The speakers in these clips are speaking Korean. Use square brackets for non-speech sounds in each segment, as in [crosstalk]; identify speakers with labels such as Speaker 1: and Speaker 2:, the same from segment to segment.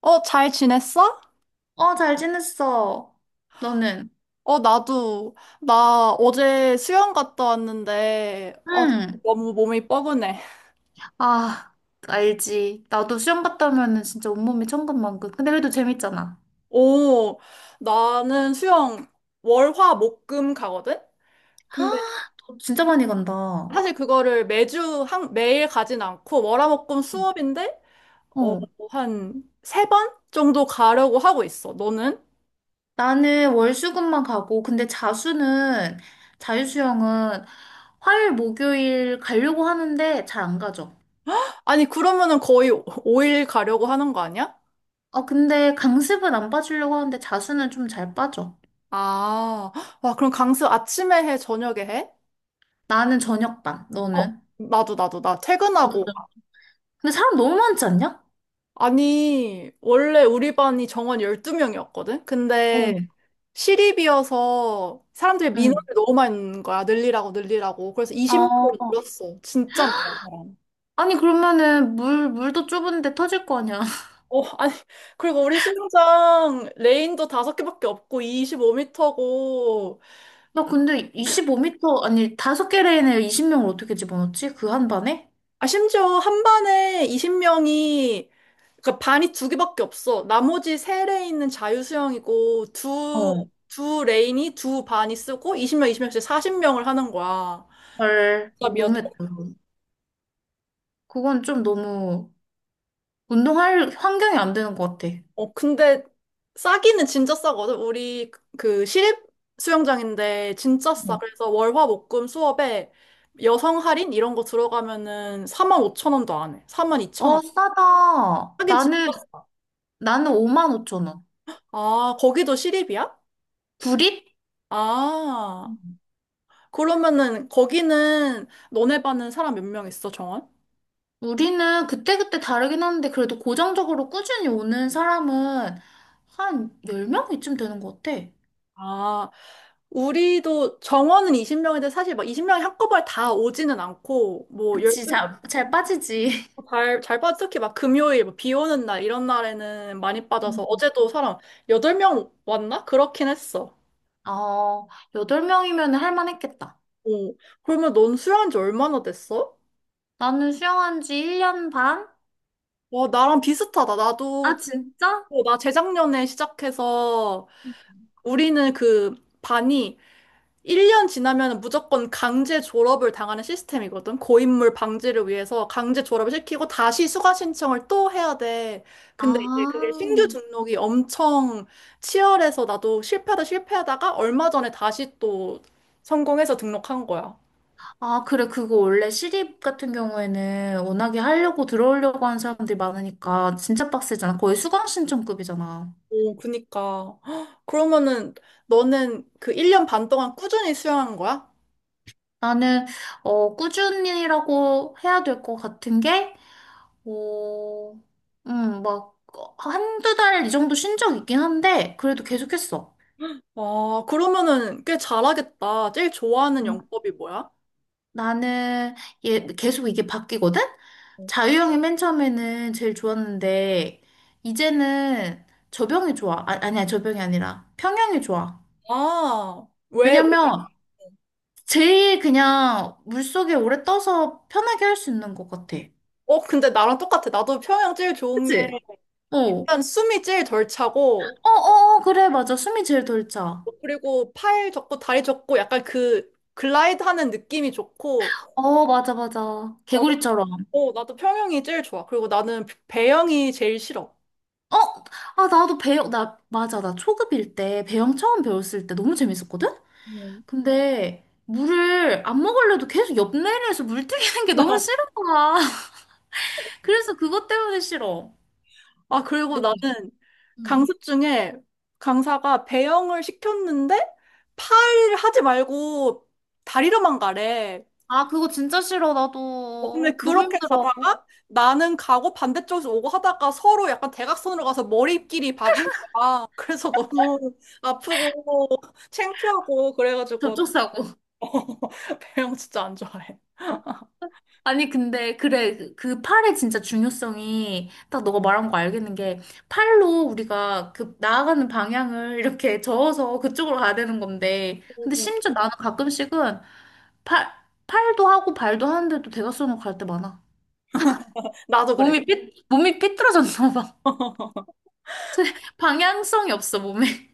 Speaker 1: 어, 잘 지냈어?
Speaker 2: 어, 잘 지냈어. 너는?
Speaker 1: 어, 나도. 나 어제 수영 갔다 왔는데,
Speaker 2: 응.
Speaker 1: 너무 몸이 뻐근해.
Speaker 2: 아, 알지. 나도 수영 갔다 오면은 진짜 온몸이 천근만근. 근데 그래도 재밌잖아.
Speaker 1: 오, 나는 수영 월, 화, 목, 금 가거든?
Speaker 2: 아,
Speaker 1: 근데
Speaker 2: 너 진짜 많이 간다. 어.
Speaker 1: 사실 그거를 매주, 한, 매일 가진 않고, 월, 화, 목, 금 수업인데, 어, 한 세 번 정도 가려고 하고 있어. 너는?
Speaker 2: 나는 월수금만 가고, 근데 자유수영은 화요일, 목요일 가려고 하는데 잘 안 가죠.
Speaker 1: 아니, 그러면은 거의 오일 가려고 하는 거 아니야?
Speaker 2: 어, 근데 강습은 안 빠지려고 하는데 자수는 좀 잘 빠져.
Speaker 1: 아, 와, 그럼 강습 아침에 해, 저녁에 해?
Speaker 2: 나는 저녁반,
Speaker 1: 어,
Speaker 2: 너는?
Speaker 1: 나도, 나
Speaker 2: 너도
Speaker 1: 퇴근하고
Speaker 2: 좀- 근데 사람 너무 많지 않냐?
Speaker 1: 아니, 원래 우리 반이 정원 12명이었거든? 근데
Speaker 2: 어.
Speaker 1: 시립이어서 사람들이
Speaker 2: 응.
Speaker 1: 민원을 너무 많이 넣는 거야. 늘리라고, 늘리라고. 그래서 20명으로
Speaker 2: 어.
Speaker 1: 늘었어. 진짜 많아, 사람.
Speaker 2: 아니, 그러면은 물도 좁은데 터질 거 아니야. [laughs]
Speaker 1: 어, 아니, 그리고 우리 수영장 레인도 다섯 개밖에 없고 25m고
Speaker 2: 나 근데 25m, 아니, 5개 레인에 20명을 어떻게 집어넣지? 그 한 반에?
Speaker 1: 아, 심지어 한 반에 20명이 그러니까 반이 두 개밖에 없어. 나머지 세 레인은 자유수영이고 두,
Speaker 2: 어.
Speaker 1: 두 레인이 두 반이 쓰고 20명, 20명씩 40명을 하는 거야.
Speaker 2: 헐,
Speaker 1: 이야
Speaker 2: 너무했다. 그건 좀 너무 운동할 환경이 안 되는 것 같아.
Speaker 1: 어, 근데 싸기는 진짜 싸거든. 우리 그 시립 수영장인데 진짜 싸.
Speaker 2: 어.
Speaker 1: 그래서 월화목금 수업에 여성 할인 이런 거 들어가면은 4만 5천 원도 안 해. 4만 2천 원.
Speaker 2: 어, 싸다.
Speaker 1: 하긴 진짜.
Speaker 2: 나는 5만 5천 원.
Speaker 1: 아, 거기도 시립이야?
Speaker 2: 구릿?
Speaker 1: 아,
Speaker 2: 음.
Speaker 1: 그러면은 거기는 너네 반은 사람 몇 명 있어, 정원?
Speaker 2: 우리는 그때그때 다르긴 하는데 그래도 고정적으로 꾸준히 오는 사람은 한 10명 이쯤 되는 것 같아.
Speaker 1: 아, 우리도 정원은 20명인데 사실 막 20명이 한꺼번에 다 오지는 않고 뭐
Speaker 2: 그치, 잘 빠지지.
Speaker 1: 잘, 잘 빠져. 특히 막 금요일, 뭐비 오는 날, 이런 날에는 많이 빠져서 어제도 사람 8명 왔나? 그렇긴 했어.
Speaker 2: 어, 여덟 명이면 할 만했겠다.
Speaker 1: 어. 그러면 넌 수영한 지 얼마나 됐어?
Speaker 2: 나는 수영한 지 1년 반?
Speaker 1: 와, 나랑 비슷하다. 나도,
Speaker 2: 아,
Speaker 1: 제-
Speaker 2: 진짜?
Speaker 1: 나 재작년에 시작해서 우리는 그 반이 1년 지나면 무조건 강제 졸업을 당하는 시스템이거든. 고인물 방지를 위해서 강제 졸업을 시키고 다시 수강 신청을 또 해야 돼. 근데 이제
Speaker 2: 아,
Speaker 1: 그게 신규 등록이 엄청 치열해서 나도 실패하다 실패하다가 얼마 전에 다시 또 성공해서 등록한 거야.
Speaker 2: 아, 그래. 그거 원래 시립 같은 경우에는 워낙에 하려고 들어오려고 하는 사람들이 많으니까 진짜 빡세잖아. 거의 수강 신청급이잖아.
Speaker 1: 오, 그니까. [gasps] 헉, 그러면은 너는 그 1년 반 동안 꾸준히 수영한 거야?
Speaker 2: 나는, 꾸준히라고 해야 될 것 같은 게, 어, 막, 한두 달 이 정도 쉰 적 있긴 한데, 그래도 계속했어.
Speaker 1: 와, 그러면은 꽤 잘하겠다. 제일 좋아하는 영법이 뭐야?
Speaker 2: 나는 얘 계속 이게 바뀌거든? 자유형이 맨 처음에는 제일 좋았는데 이제는 저병이 좋아. 아, 아니야, 저병이 아니라 평형이 좋아.
Speaker 1: 아, 왜? 왜
Speaker 2: 왜냐면 제일 그냥 물속에 오래 떠서 편하게 할 수 있는 것 같아.
Speaker 1: 어, 근데 나랑 똑같아. 나도 평양 제일 좋은 게
Speaker 2: 그치? 어. 어,
Speaker 1: 일단 숨이 제일 덜 차고,
Speaker 2: 어, 어, 그래, 맞아. 숨이 제일 덜 차.
Speaker 1: 그리고 팔 접고 다리 접고 약간 그 글라이드 하는 느낌이 좋고,
Speaker 2: 어, 맞아, 맞아.
Speaker 1: 나도,
Speaker 2: 개구리처럼.
Speaker 1: 나도 평양이 제일 좋아. 그리고 나는 배영이 제일 싫어.
Speaker 2: 어, 아, 나도 배영, 나, 맞아. 나 초급일 때, 배영 처음 배웠을 때 너무 재밌었거든?
Speaker 1: 음.
Speaker 2: 근데 물을 안 먹으려도 계속 옆내리에서 물 튀기는 게 너무 싫은 거야. [laughs] 그래서 그것 때문에 싫어.
Speaker 1: 아, 그리고
Speaker 2: 너무.
Speaker 1: 나는
Speaker 2: 응.
Speaker 1: 강습 중에 강사가 배영을 시켰는데 팔 하지 말고 다리로만 가래.
Speaker 2: 아, 그거 진짜 싫어.
Speaker 1: 어, 근데
Speaker 2: 나도 너무
Speaker 1: 그렇게
Speaker 2: 힘들어.
Speaker 1: 가다가 나는 가고 반대쪽에서 오고 하다가 서로 약간 대각선으로 가서 머리끼리 박은 거야. [laughs] 그래서 너무 아프고 창피하고 그래가지고
Speaker 2: 접촉사고. [laughs]
Speaker 1: [laughs] 배영 진짜 안 좋아해.
Speaker 2: 아니, 근데 그래. 그그 팔의 진짜 중요성이 딱 너가 말한 거 알겠는 게 팔로 우리가 그 나아가는 방향을 이렇게 저어서 그쪽으로 가야 되는 건데
Speaker 1: 응,
Speaker 2: 근데
Speaker 1: 응.
Speaker 2: 심지어 나는 가끔씩은 팔 팔도 하고 발도 하는데도 대각선으로 갈 때 많아.
Speaker 1: 나도 그래.
Speaker 2: 몸이 삐뚤어졌나 봐.
Speaker 1: [laughs]
Speaker 2: [laughs] 방향성이 없어, 몸에.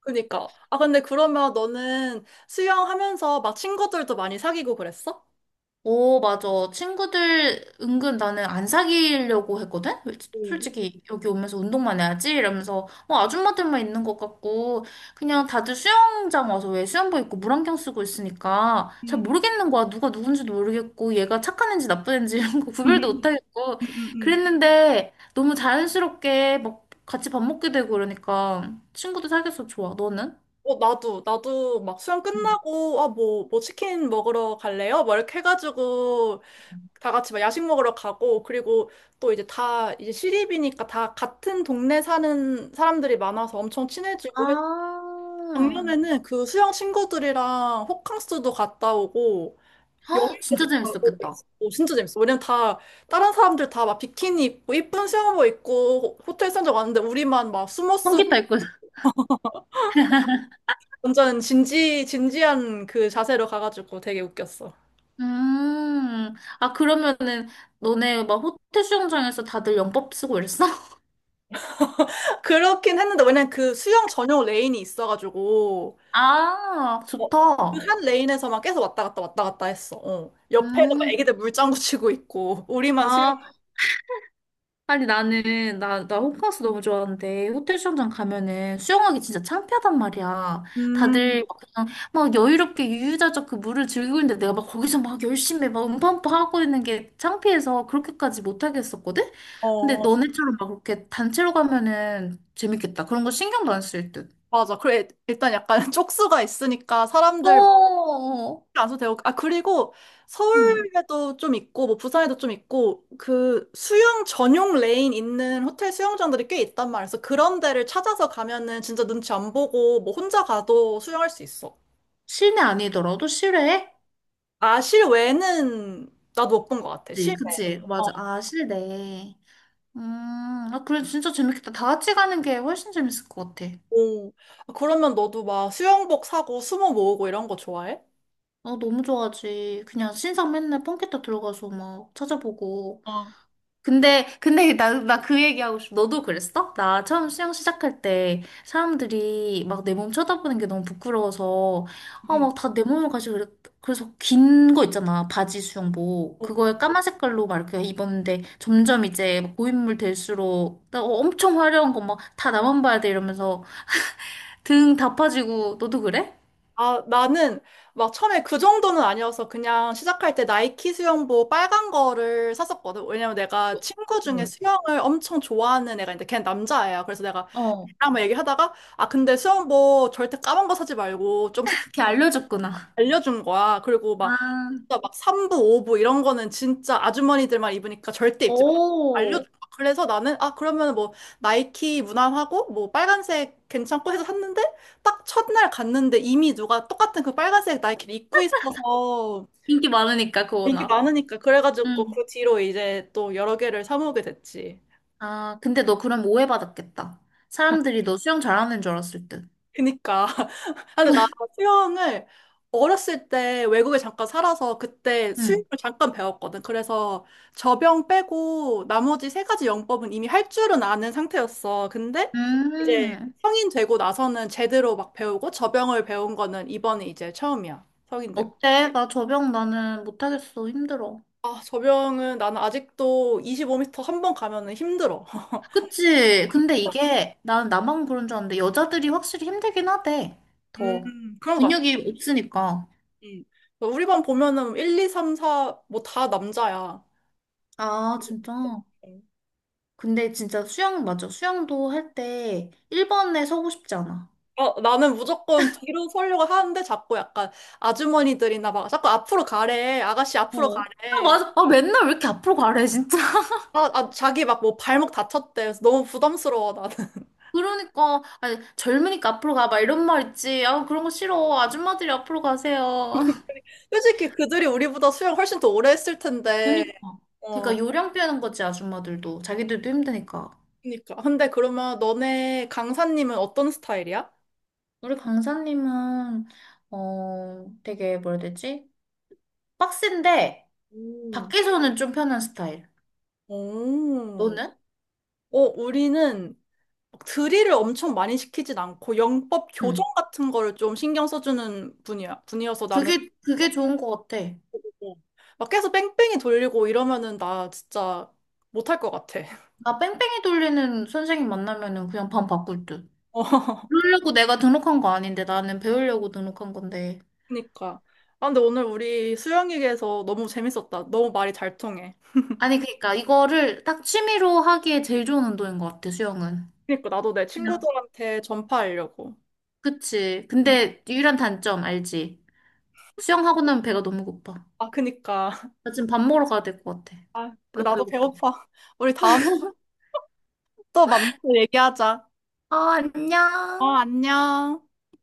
Speaker 1: 그니까. 아, 근데 그러면 너는 수영하면서 막 친구들도 많이 사귀고 그랬어?
Speaker 2: 오, 맞아. 친구들 은근 나는 안 사귀려고 했거든?
Speaker 1: 응.
Speaker 2: 솔직히 여기 오면서 운동만 해야지 이러면서 아줌마들만 있는 것 같고 그냥 다들 수영장 와서 왜 수영복 입고 물안경 쓰고 있으니까 잘
Speaker 1: 응응응응응.
Speaker 2: 모르겠는 거야. 누가 누군지도 모르겠고 얘가 착한 애인지 나쁜 애인지 이런 거 구별도 못 하겠고 그랬는데 너무 자연스럽게 막 같이 밥 먹게 되고 그러니까 친구도 사귀어서 좋아. 너는?
Speaker 1: 어, 나도 막 수영 끝나고, 아, 뭐 치킨 먹으러 갈래요? 뭐 이렇게 해가지고
Speaker 2: 응.
Speaker 1: 다 같이 막 야식 먹으러 가고 그리고 또 이제 다 이제 시립이니까 다 같은 동네 사는 사람들이 많아서 엄청 친해지고. 했
Speaker 2: 아,
Speaker 1: 작년에는 그 수영 친구들이랑 호캉스도 갔다 오고
Speaker 2: 헉, 진짜
Speaker 1: 여행도
Speaker 2: 재밌었겠다.
Speaker 1: 그랬어. 오, 진짜 재밌어. 왜냐면 다 다른 사람들 다 막 비키니 입고 이쁜 수영복 입고 호텔 산적 왔는데 우리만 막 숨어
Speaker 2: 성
Speaker 1: 쓰고
Speaker 2: 기타 있고. [laughs]
Speaker 1: 완전 진지 진지한 그 자세로 가가지고 되게 웃겼어.
Speaker 2: 음, 아, 그러면은, 너네 막 호텔 수영장에서 다들 영법 쓰고 이랬어? [laughs]
Speaker 1: [laughs] 그렇긴 했는데 왜냐면 그 수영 전용 레인이 있어가지고
Speaker 2: 아, 좋다.
Speaker 1: 한 레인에서 막 계속 왔다 갔다 왔다 갔다 했어. 어. 옆에는 막
Speaker 2: 음,
Speaker 1: 애기들 물장구 치고 있고 [laughs] 우리만 수영.
Speaker 2: 아, 아니 나는 나 나 호캉스 너무 좋아하는데 호텔 수영장 가면은 수영하기 진짜 창피하단 말이야.
Speaker 1: 음,
Speaker 2: 다들 막 그냥 막 여유롭게 유유자적 그 물을 즐기고 있는데 내가 막 거기서 막 열심히 막 음파음파 하고 있는 게 창피해서 그렇게까지 못 하겠었거든. 근데
Speaker 1: 어,
Speaker 2: 너네처럼 막 그렇게 단체로 가면은 재밌겠다. 그런 거 신경도 안 쓸 듯.
Speaker 1: 맞아. 그래 일단 약간 [laughs] 쪽수가 있으니까 사람들
Speaker 2: 어,
Speaker 1: 안도 되고 아 그리고
Speaker 2: 음,
Speaker 1: 서울에도 좀 있고 뭐 부산에도 좀 있고 그 수영 전용 레인 있는 호텔 수영장들이 꽤 있단 말이야. 그래서 그런 데를 찾아서 가면은 진짜 눈치 안 보고 뭐 혼자 가도 수영할 수 있어.
Speaker 2: 실내 아니더라도 실외?
Speaker 1: 아 실외는 나도 못 본 것 같아.
Speaker 2: 그치,
Speaker 1: 실외.
Speaker 2: 그치, 맞아. 아, 실내. 아, 그래, 진짜 재밌겠다. 다 같이 가는 게 훨씬 재밌을 것 같아.
Speaker 1: 오. 아, 그러면 너도 막 수영복 사고 수모 모으고 이런 거 좋아해?
Speaker 2: 아, 너무 좋아하지. 그냥 신상 맨날 펑키타 들어가서 막 찾아보고.
Speaker 1: 어,
Speaker 2: 근데 [laughs] 나 그 얘기하고 싶어. 너도 그랬어? 나 처음 수영 시작할 때 사람들이 막 내 몸 쳐다보는 게 너무 부끄러워서, 아,
Speaker 1: 응.
Speaker 2: 막 다 내 몸을 가지고 그래서 긴 거 있잖아. 바지 수영복.
Speaker 1: 어,
Speaker 2: 그거에 까만 색깔로 막 이렇게 입었는데 점점 이제 막 고인물 될수록 나 엄청 화려한 거 막 다 나만 봐야 돼 이러면서 등 다 파지고 너도 그래?
Speaker 1: 아, 나는 막 처음에 그 정도는 아니어서 그냥 시작할 때 나이키 수영복 빨간 거를 샀었거든. 왜냐면 내가 친구 중에
Speaker 2: 응.
Speaker 1: 수영을 엄청 좋아하는 애가 있는데 걔는 남자애야. 그래서 내가
Speaker 2: 어.
Speaker 1: 걔랑 막 얘기하다가 아, 근데 수영복 절대 까만 거 사지 말고 좀 색깔
Speaker 2: 이렇게
Speaker 1: 있는 거
Speaker 2: 알려줬구나.
Speaker 1: 알려준 거야. 그리고 막
Speaker 2: 아,
Speaker 1: 진짜 막 3부, 5부 이런 거는 진짜 아주머니들만 입으니까 절대 입지 마. 알려줘.
Speaker 2: 오.
Speaker 1: 그래서 나는 아 그러면 뭐 나이키 무난하고 뭐 빨간색 괜찮고 해서 샀는데 딱 첫날 갔는데 이미 누가 똑같은 그 빨간색 나이키를 입고 있어서
Speaker 2: 인기 많으니까 그
Speaker 1: 인기
Speaker 2: 워낙.
Speaker 1: 많으니까 그래가지고
Speaker 2: 응.
Speaker 1: 그 뒤로 이제 또 여러 개를 사 모으게 됐지.
Speaker 2: 아, 근데 너 그럼 오해받았겠다. 사람들이 너 수영 잘하는 줄 알았을 듯.
Speaker 1: 그니까 아, 근데 나 수영을 어렸을 때 외국에 잠깐 살아서 그때 수영을
Speaker 2: 응.
Speaker 1: 잠깐 배웠거든. 그래서 저병 빼고 나머지 세 가지 영법은 이미 할 줄은 아는 상태였어. 근데 이제
Speaker 2: 음.
Speaker 1: 성인 되고 나서는 제대로 막 배우고 저병을 배운 거는 이번이 이제 처음이야. 성인 되고.
Speaker 2: 어때? 나 저병 나는 못하겠어. 힘들어.
Speaker 1: 아, 저병은 나는 아직도 25m 한 번 가면은 힘들어. [laughs]
Speaker 2: 그치? 근데 이게 나는 나만 그런 줄 알았는데 여자들이 확실히 힘들긴 하대. 더
Speaker 1: 그런 것 같아.
Speaker 2: 근육이 없으니까.
Speaker 1: 음. 우리 반 보면은 1, 2, 3, 4, 뭐 다 남자야.
Speaker 2: 아, 진짜? 근데 진짜 수영 맞아. 수영도 할 때 1번에 서고 싶지 않아.
Speaker 1: 나는 무조건 뒤로 서려고 하는데 자꾸 약간 아주머니들이나 막 자꾸 앞으로 가래. 아가씨 앞으로
Speaker 2: 어. 아,
Speaker 1: 가래.
Speaker 2: 맞아. 아, 맨날 왜 이렇게 앞으로 가래, 진짜. [laughs]
Speaker 1: 아, 아, 자기 막 뭐 발목 다쳤대. 그래서 너무 부담스러워, 나는. [laughs]
Speaker 2: 그러니까, 아니, 젊으니까 앞으로 가. 막 이런 말 있지. 아, 그런 거 싫어. 아줌마들이 앞으로 가세요. [laughs]
Speaker 1: 솔직히 그들이 우리보다 수영 훨씬 더 오래 했을 텐데.
Speaker 2: 그니까.
Speaker 1: 어,
Speaker 2: 그니까 요령 빼는 거지, 아줌마들도. 자기들도 힘드니까.
Speaker 1: 그니까. 근데 그러면 너네 강사님은 어떤 스타일이야?
Speaker 2: 우리 강사님은, 되게 뭐라 해야 되지? 빡센데,
Speaker 1: 음.
Speaker 2: 밖에서는 좀 편한 스타일.
Speaker 1: 오.
Speaker 2: 너는?
Speaker 1: 어, 우리는 막 드릴을 엄청 많이 시키진 않고 영법 교정
Speaker 2: 응.
Speaker 1: 같은 거를 좀 신경 써주는 분이야. 분이어서 나는
Speaker 2: 그게 좋은 거 같아.
Speaker 1: 어. 막 계속 뺑뺑이 돌리고 이러면은 나 진짜 못할 것 같아.
Speaker 2: 나 뺑뺑이 돌리는 선생님 만나면은 그냥 반 바꿀 듯.
Speaker 1: [laughs] 어,
Speaker 2: 그러려고 내가 등록한 거 아닌데 나는 배우려고 등록한 건데.
Speaker 1: 그니까. 아, 근데 오늘 우리 수영 얘기해서 너무 재밌었다. 너무 말이 잘 통해.
Speaker 2: 아니 그러니까 이거를 딱 취미로 하기에 제일 좋은 운동인 것 같아 수영은.
Speaker 1: 그니까 나도 내
Speaker 2: 그냥
Speaker 1: 친구들한테 전파하려고.
Speaker 2: 그치.
Speaker 1: 음.
Speaker 2: 근데 유일한 단점 알지? 수영하고 나면 배가 너무 고파.
Speaker 1: 아, 그니까. [laughs]
Speaker 2: 나 지금 밥 먹으러 가야 될 것 같아.
Speaker 1: 아, 그
Speaker 2: 너무
Speaker 1: 나도
Speaker 2: 배고파.
Speaker 1: 배고파. 우리 다음에 또 만나서 얘기하자.
Speaker 2: 어,
Speaker 1: 어,
Speaker 2: 안녕.
Speaker 1: 안녕.